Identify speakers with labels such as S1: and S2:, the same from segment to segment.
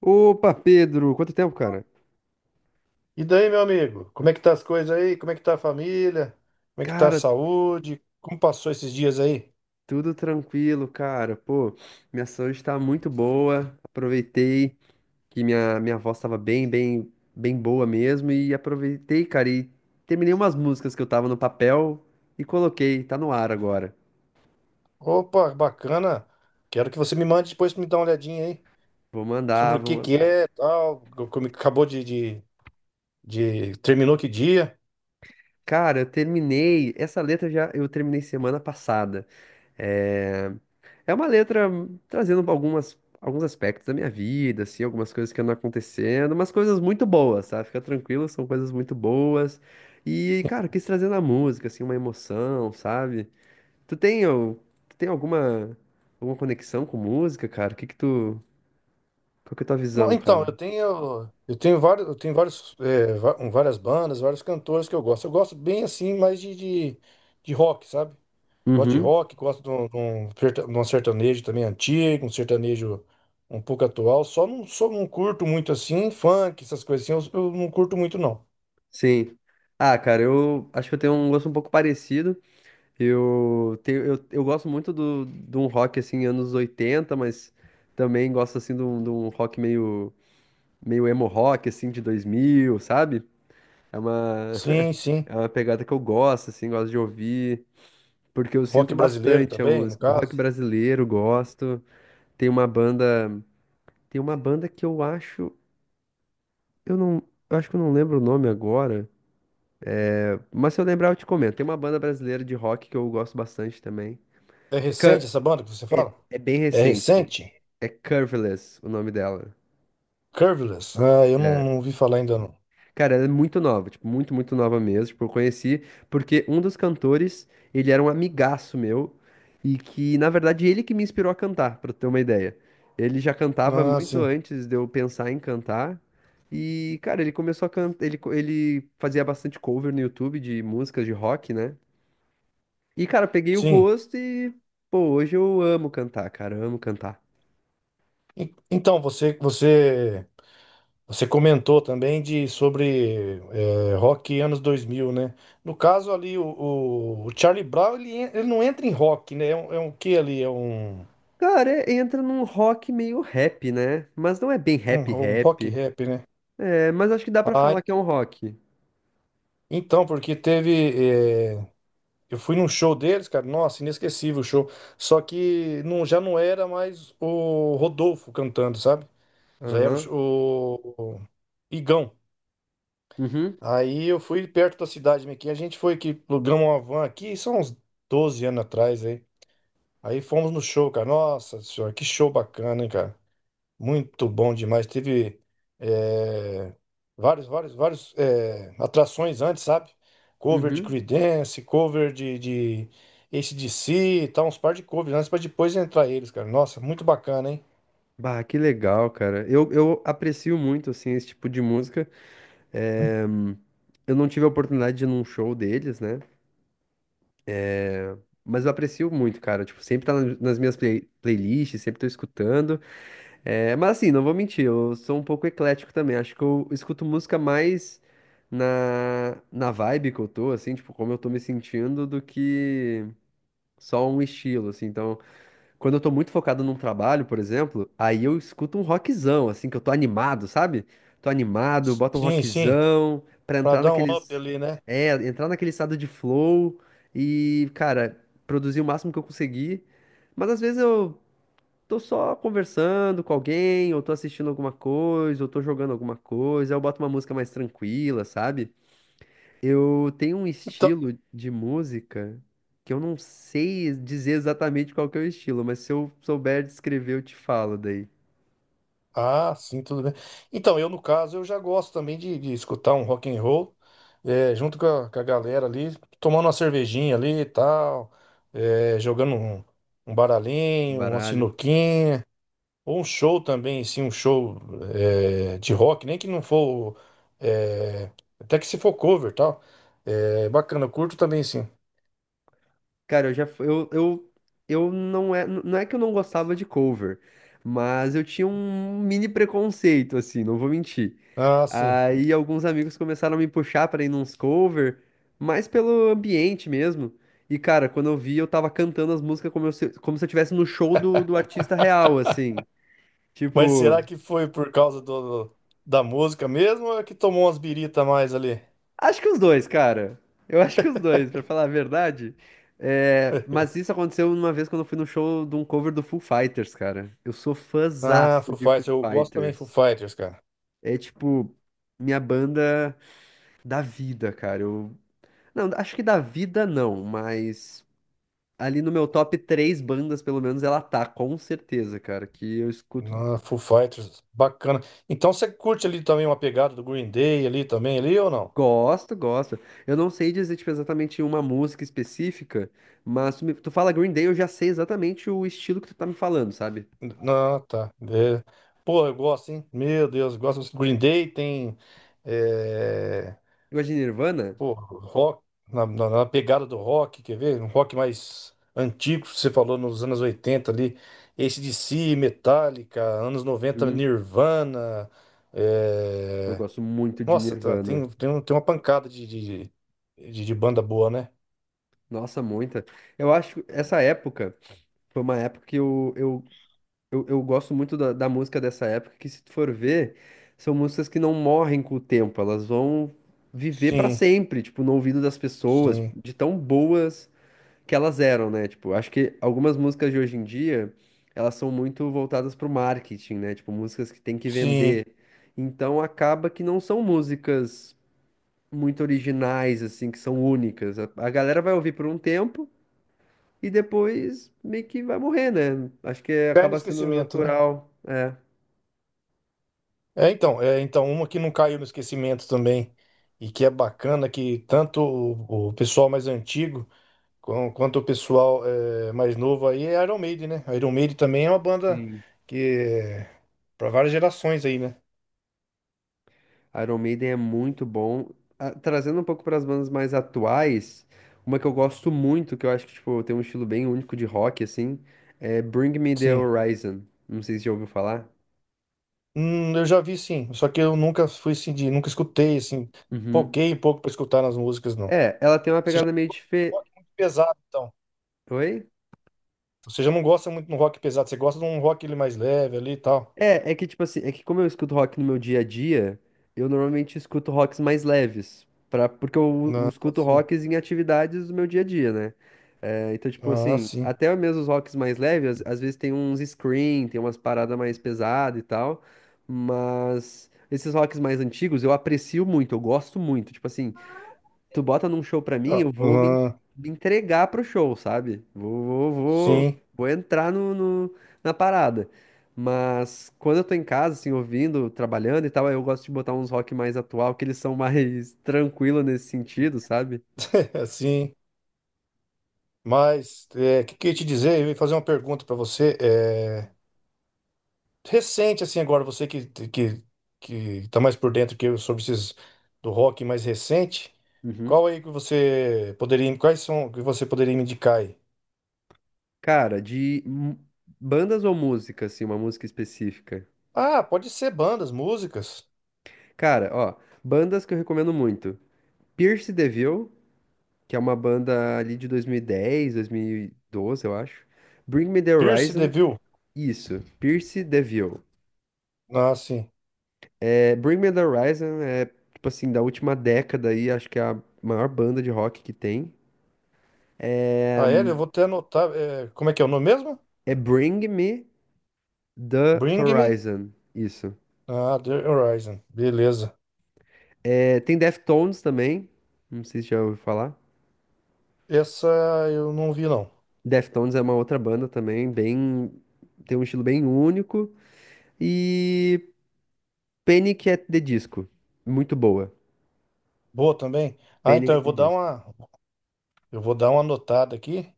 S1: Opa, Pedro, quanto tempo, cara?
S2: E daí, meu amigo? Como é que tá as coisas aí? Como é que tá a família? Como é que tá a
S1: Cara,
S2: saúde? Como passou esses dias aí?
S1: tudo tranquilo, cara. Pô, minha saúde tá muito boa. Aproveitei que minha voz tava bem boa mesmo. E aproveitei, cara, e terminei umas músicas que eu tava no papel e coloquei. Tá no ar agora.
S2: Opa, bacana. Quero que você me mande depois pra me dar uma olhadinha aí
S1: Vou mandar,
S2: sobre o
S1: vou
S2: que que
S1: mandar.
S2: é, tal, como que acabou terminou que dia.
S1: Cara, eu terminei. Essa letra já eu terminei semana passada. É, é uma letra trazendo alguns aspectos da minha vida, assim, algumas coisas que andam acontecendo, umas coisas muito boas, sabe? Fica tranquilo, são coisas muito boas. E, cara, eu quis trazer na música, assim, uma emoção, sabe? Tu tem, al- tu tem alguma conexão com música, cara? O que que tu, qual que é a tua
S2: Não,
S1: visão,
S2: então,
S1: cara?
S2: eu tenho vários é, va- várias bandas, vários cantores que eu gosto. Eu gosto bem assim, mais de rock, sabe? Gosto de
S1: Uhum,
S2: rock, gosto de um, de um sertanejo também antigo, um sertanejo um pouco atual. Só não curto muito assim, funk, essas coisas assim, eu não curto muito não.
S1: sim. Ah, cara, eu acho que eu tenho um gosto um pouco parecido. Eu gosto muito de um rock assim, anos 80, mas também gosto assim de um rock meio emo rock assim de 2000, sabe? É uma,
S2: Sim, sim.
S1: é uma pegada que eu gosto assim, gosto de ouvir, porque eu
S2: Rock
S1: sinto
S2: brasileiro
S1: bastante a
S2: também, no
S1: música. Rock
S2: caso.
S1: brasileiro, gosto. Tem uma banda, tem uma banda que eu eu não, acho que eu não lembro o nome agora, mas se eu lembrar eu te comento. Tem uma banda brasileira de rock que eu gosto bastante também.
S2: É recente essa banda que você
S1: É,
S2: fala?
S1: é bem
S2: É
S1: recente.
S2: recente?
S1: É Curveless o nome dela.
S2: Curveless? Ah, eu não ouvi falar ainda não.
S1: Cara, ela é muito nova, tipo, muito nova mesmo. Tipo, eu conheci porque um dos cantores, ele era um amigaço meu e que, na verdade, ele que me inspirou a cantar, pra ter uma ideia. Ele já cantava
S2: Ah,
S1: muito
S2: sim.
S1: antes de eu pensar em cantar. E, cara, ele começou a cantar, ele, co- ele fazia bastante cover no YouTube de músicas de rock, né? E, cara, eu peguei o
S2: Sim.
S1: gosto e, pô, hoje eu amo cantar, cara, eu amo cantar.
S2: Então, você comentou também de sobre rock anos 2000, né? No caso ali, o Charlie Brown, ele não entra em rock, né? É um que ali? É um,
S1: Cara, é- entra num rock meio rap, né? Mas não é bem
S2: um,
S1: rap
S2: um rock
S1: rap.
S2: rap, né?
S1: É, mas acho que dá pra
S2: Ah,
S1: falar que é um rock.
S2: então, porque eh, eu fui num show deles, cara. Nossa, inesquecível o show. Só que não, já não era mais o Rodolfo cantando, sabe? Já era o, sh-
S1: Aham.
S2: o Igão.
S1: Uhum.
S2: Aí eu fui perto da cidade minha aqui. A gente foi que alugamos uma van aqui, são uns 12 anos atrás aí. Aí fomos no show, cara. Nossa senhora, que show bacana, hein, cara? Muito bom demais. Teve eh, vários atrações antes, sabe? Cover de
S1: Uhum.
S2: Creedence, cover de AC/DC e tal, uns par de covers antes pra depois entrar eles, cara. Nossa, muito bacana, hein?
S1: Bah, que legal, cara. Eu aprecio muito, assim, esse tipo de música. É, eu não tive a oportunidade de ir num show deles, né? Mas eu aprecio muito, cara. Tipo, sempre tá nas minhas playlists, sempre tô escutando. É, mas assim, não vou mentir, eu sou um pouco eclético também. Acho que eu escuto música mais na vibe que eu tô, assim, tipo, como eu tô me sentindo, do que só um estilo, assim. Então, quando eu tô muito focado num trabalho, por exemplo, aí eu escuto um rockzão, assim, que eu tô animado, sabe? Tô animado, bota um
S2: Sim, sim.
S1: rockzão pra
S2: Pra
S1: entrar
S2: dar um up
S1: naqueles.
S2: ali, né?
S1: É, entrar naquele estado de flow e, cara, produzir o máximo que eu conseguir. Mas às vezes eu. Tô só conversando com alguém, ou tô assistindo alguma coisa, ou tô jogando alguma coisa, aí eu boto uma música mais tranquila, sabe? Eu tenho um
S2: Então.
S1: estilo de música que eu não sei dizer exatamente qual que é o estilo, mas se eu souber descrever, eu te falo daí.
S2: Ah, sim, tudo bem. Então, eu no caso, eu já gosto também de escutar um rock and roll, junto com a galera ali, tomando uma cervejinha ali e tal, jogando um, um baralhinho, uma
S1: Baralho.
S2: sinuquinha, ou um show também, sim, um show de rock, nem que não for, eh, até que se for cover e tal. É, bacana, eu curto também, sim.
S1: Cara, eu já fu- eu não é que eu não gostava de cover, mas eu tinha um mini preconceito assim, não vou mentir.
S2: Ah, sim.
S1: Aí alguns amigos começaram a me puxar pra ir nos cover, mais pelo ambiente mesmo. E cara, quando eu vi, eu tava cantando as músicas como se eu estivesse no show do artista real, assim.
S2: Mas
S1: Tipo,
S2: será que foi por causa da música mesmo ou é que tomou umas birita a mais ali?
S1: acho que os dois, cara. Eu acho que os dois, pra falar a verdade. É, mas isso aconteceu uma vez quando eu fui no show de um cover do Foo Fighters, cara. Eu sou
S2: Ah,
S1: fãzaço
S2: Foo
S1: de
S2: Fighters,
S1: Foo
S2: eu gosto também de Foo
S1: Fighters.
S2: Fighters, cara.
S1: É tipo, minha banda da vida, cara. Eu... Não, acho que da vida não, mas ali no meu top três bandas, pelo menos, ela tá, com certeza, cara. Que eu escuto.
S2: Ah, Foo Fighters, bacana. Então você curte ali também uma pegada do Green Day ali também, ali ou não?
S1: Gosto, gosto. Eu não sei dizer, tipo, exatamente uma música específica, mas tu fala Green Day, eu já sei exatamente o estilo que tu tá me falando, sabe?
S2: Não, tá. É. Pô, eu gosto, hein? Meu Deus, eu gosto do Green Day, tem. é,
S1: Tu gosta de Nirvana?
S2: Pô, rock, na pegada do rock, quer ver? Um rock mais antigo, você falou nos anos 80 ali. AC/DC, Metallica, anos 90,
S1: Hum,
S2: Nirvana.
S1: eu
S2: eh,
S1: gosto muito de
S2: Nossa, tá,
S1: Nirvana.
S2: tem uma pancada de banda boa, né?
S1: Nossa, muita. Eu acho que essa época foi uma época que eu gosto muito da música dessa época, que se tu for ver, são músicas que não morrem com o tempo, elas vão viver pra
S2: Sim,
S1: sempre, tipo, no ouvido das pessoas,
S2: sim,
S1: de tão boas. Que elas eram, né? Tipo, acho que algumas músicas de hoje em dia, elas são muito voltadas pro marketing, né? Tipo, músicas que tem que
S2: sim.
S1: vender. Então acaba que não são músicas muito originais, assim, que são únicas. A galera vai ouvir por um tempo e depois meio que vai morrer, né? Acho que
S2: Cai no
S1: acaba sendo
S2: esquecimento, né?
S1: natural. É.
S2: Então, uma que não caiu no esquecimento também e que é bacana que tanto o pessoal mais antigo quanto o pessoal mais novo aí é Iron Maiden, né? Iron Maiden também é uma banda que é para várias gerações aí, né?
S1: Iron Maiden é muito bom. Ah, trazendo um pouco para as bandas mais atuais, uma que eu gosto muito, que eu acho que tipo, tem um estilo bem único de rock, assim, é Bring Me the
S2: Sim.
S1: Horizon. Não sei se já ouviu falar.
S2: Eu já vi sim, só que eu nunca fui assim, de, nunca escutei assim,
S1: Uhum.
S2: foquei um pouco pra escutar nas músicas, não.
S1: É, ela tem uma
S2: Você
S1: pegada meio diferente.
S2: rock muito pesado, então.
S1: Oi?
S2: Você já não gosta muito de um rock pesado, você gosta de um rock ele mais leve ali e tal.
S1: É, é que tipo assim, é que como eu escuto rock no meu dia a dia, eu normalmente escuto rocks mais leves, pra, porque eu
S2: Ah,
S1: escuto
S2: sim.
S1: rocks em atividades do meu dia a dia, né? É, então, tipo
S2: Ah,
S1: assim,
S2: sim.
S1: até mesmo os rocks mais leves, às vezes tem uns scream, tem umas paradas mais pesadas e tal, mas esses rocks mais antigos eu aprecio muito, eu gosto muito. Tipo assim, tu bota num show pra mim,
S2: Ah,
S1: eu vou me, en-
S2: ah,
S1: me entregar pro show, sabe? Vou, vou, vou,
S2: sim,
S1: vou entrar na parada. Mas quando eu tô em casa, assim, ouvindo, trabalhando e tal, aí eu gosto de botar uns rock mais atual, que eles são mais tranquilos nesse sentido, sabe?
S2: é, sim. Mas é, o que, que eu ia te dizer? Eu ia fazer uma pergunta pra você. Recente, assim, agora, você que tá mais por dentro que eu sobre esses do rock mais recente,
S1: Uhum.
S2: qual aí que você poderia. Quais são que você poderia me indicar aí?
S1: Cara, bandas ou música, assim, uma música específica?
S2: Ah, pode ser bandas, músicas.
S1: Cara, ó, bandas que eu recomendo muito. Pierce the Veil, que é uma banda ali de 2010, 2012, eu acho. Bring Me the
S2: Pierce the
S1: Horizon.
S2: Veil.
S1: Isso, Pierce DeVille.
S2: Ah, sim.
S1: É, Bring Me the Horizon é, tipo assim, da última década aí, acho que é a maior banda de rock que tem. É,
S2: Ah, é? Eu vou até anotar. Como é que é o nome mesmo?
S1: é Bring Me the
S2: Bring Me
S1: Horizon, isso.
S2: ah, The Horizon. Beleza.
S1: É, tem Deftones também, não sei se já ouviu falar.
S2: Essa eu não vi, não.
S1: Deftones é uma outra banda também, bem, tem um estilo bem único. E Panic! At the Disco, muito boa.
S2: Boa também. Ah,
S1: Panic!
S2: então eu
S1: At the
S2: vou dar
S1: Disco.
S2: uma, eu vou dar uma anotada aqui.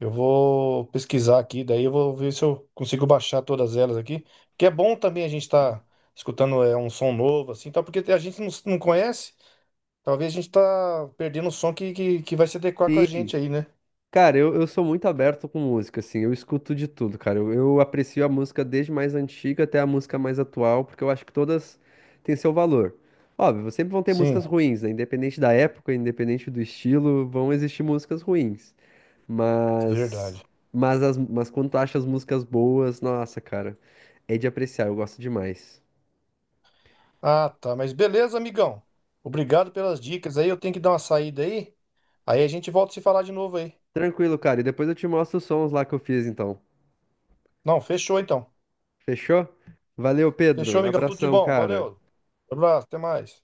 S2: Eu vou pesquisar aqui, daí eu vou ver se eu consigo baixar todas elas aqui. Que é bom também a gente estar escutando um som novo, assim, tal, porque a gente não conhece. Talvez a gente tá perdendo o som que vai se adequar com a gente aí, né?
S1: Cara, eu sou muito aberto com música, assim, eu escuto de tudo, cara. Eu aprecio a música desde mais antiga até a música mais atual, porque eu acho que todas têm seu valor. Óbvio, sempre vão ter
S2: Sim,
S1: músicas ruins, né? Independente da época, independente do estilo, vão existir músicas ruins.
S2: verdade.
S1: Mas, mas quando tu acha as músicas boas, nossa, cara, é de apreciar, eu gosto demais.
S2: Ah, tá. Mas beleza, amigão. Obrigado pelas dicas aí. Eu tenho que dar uma saída aí. Aí a gente volta a se falar de novo aí.
S1: Tranquilo, cara, e depois eu te mostro os sons lá que eu fiz, então.
S2: Não, fechou então.
S1: Fechou? Valeu,
S2: Fechou,
S1: Pedro.
S2: amigão. Tudo de
S1: Abração,
S2: bom.
S1: cara.
S2: Valeu. Abraço, até mais.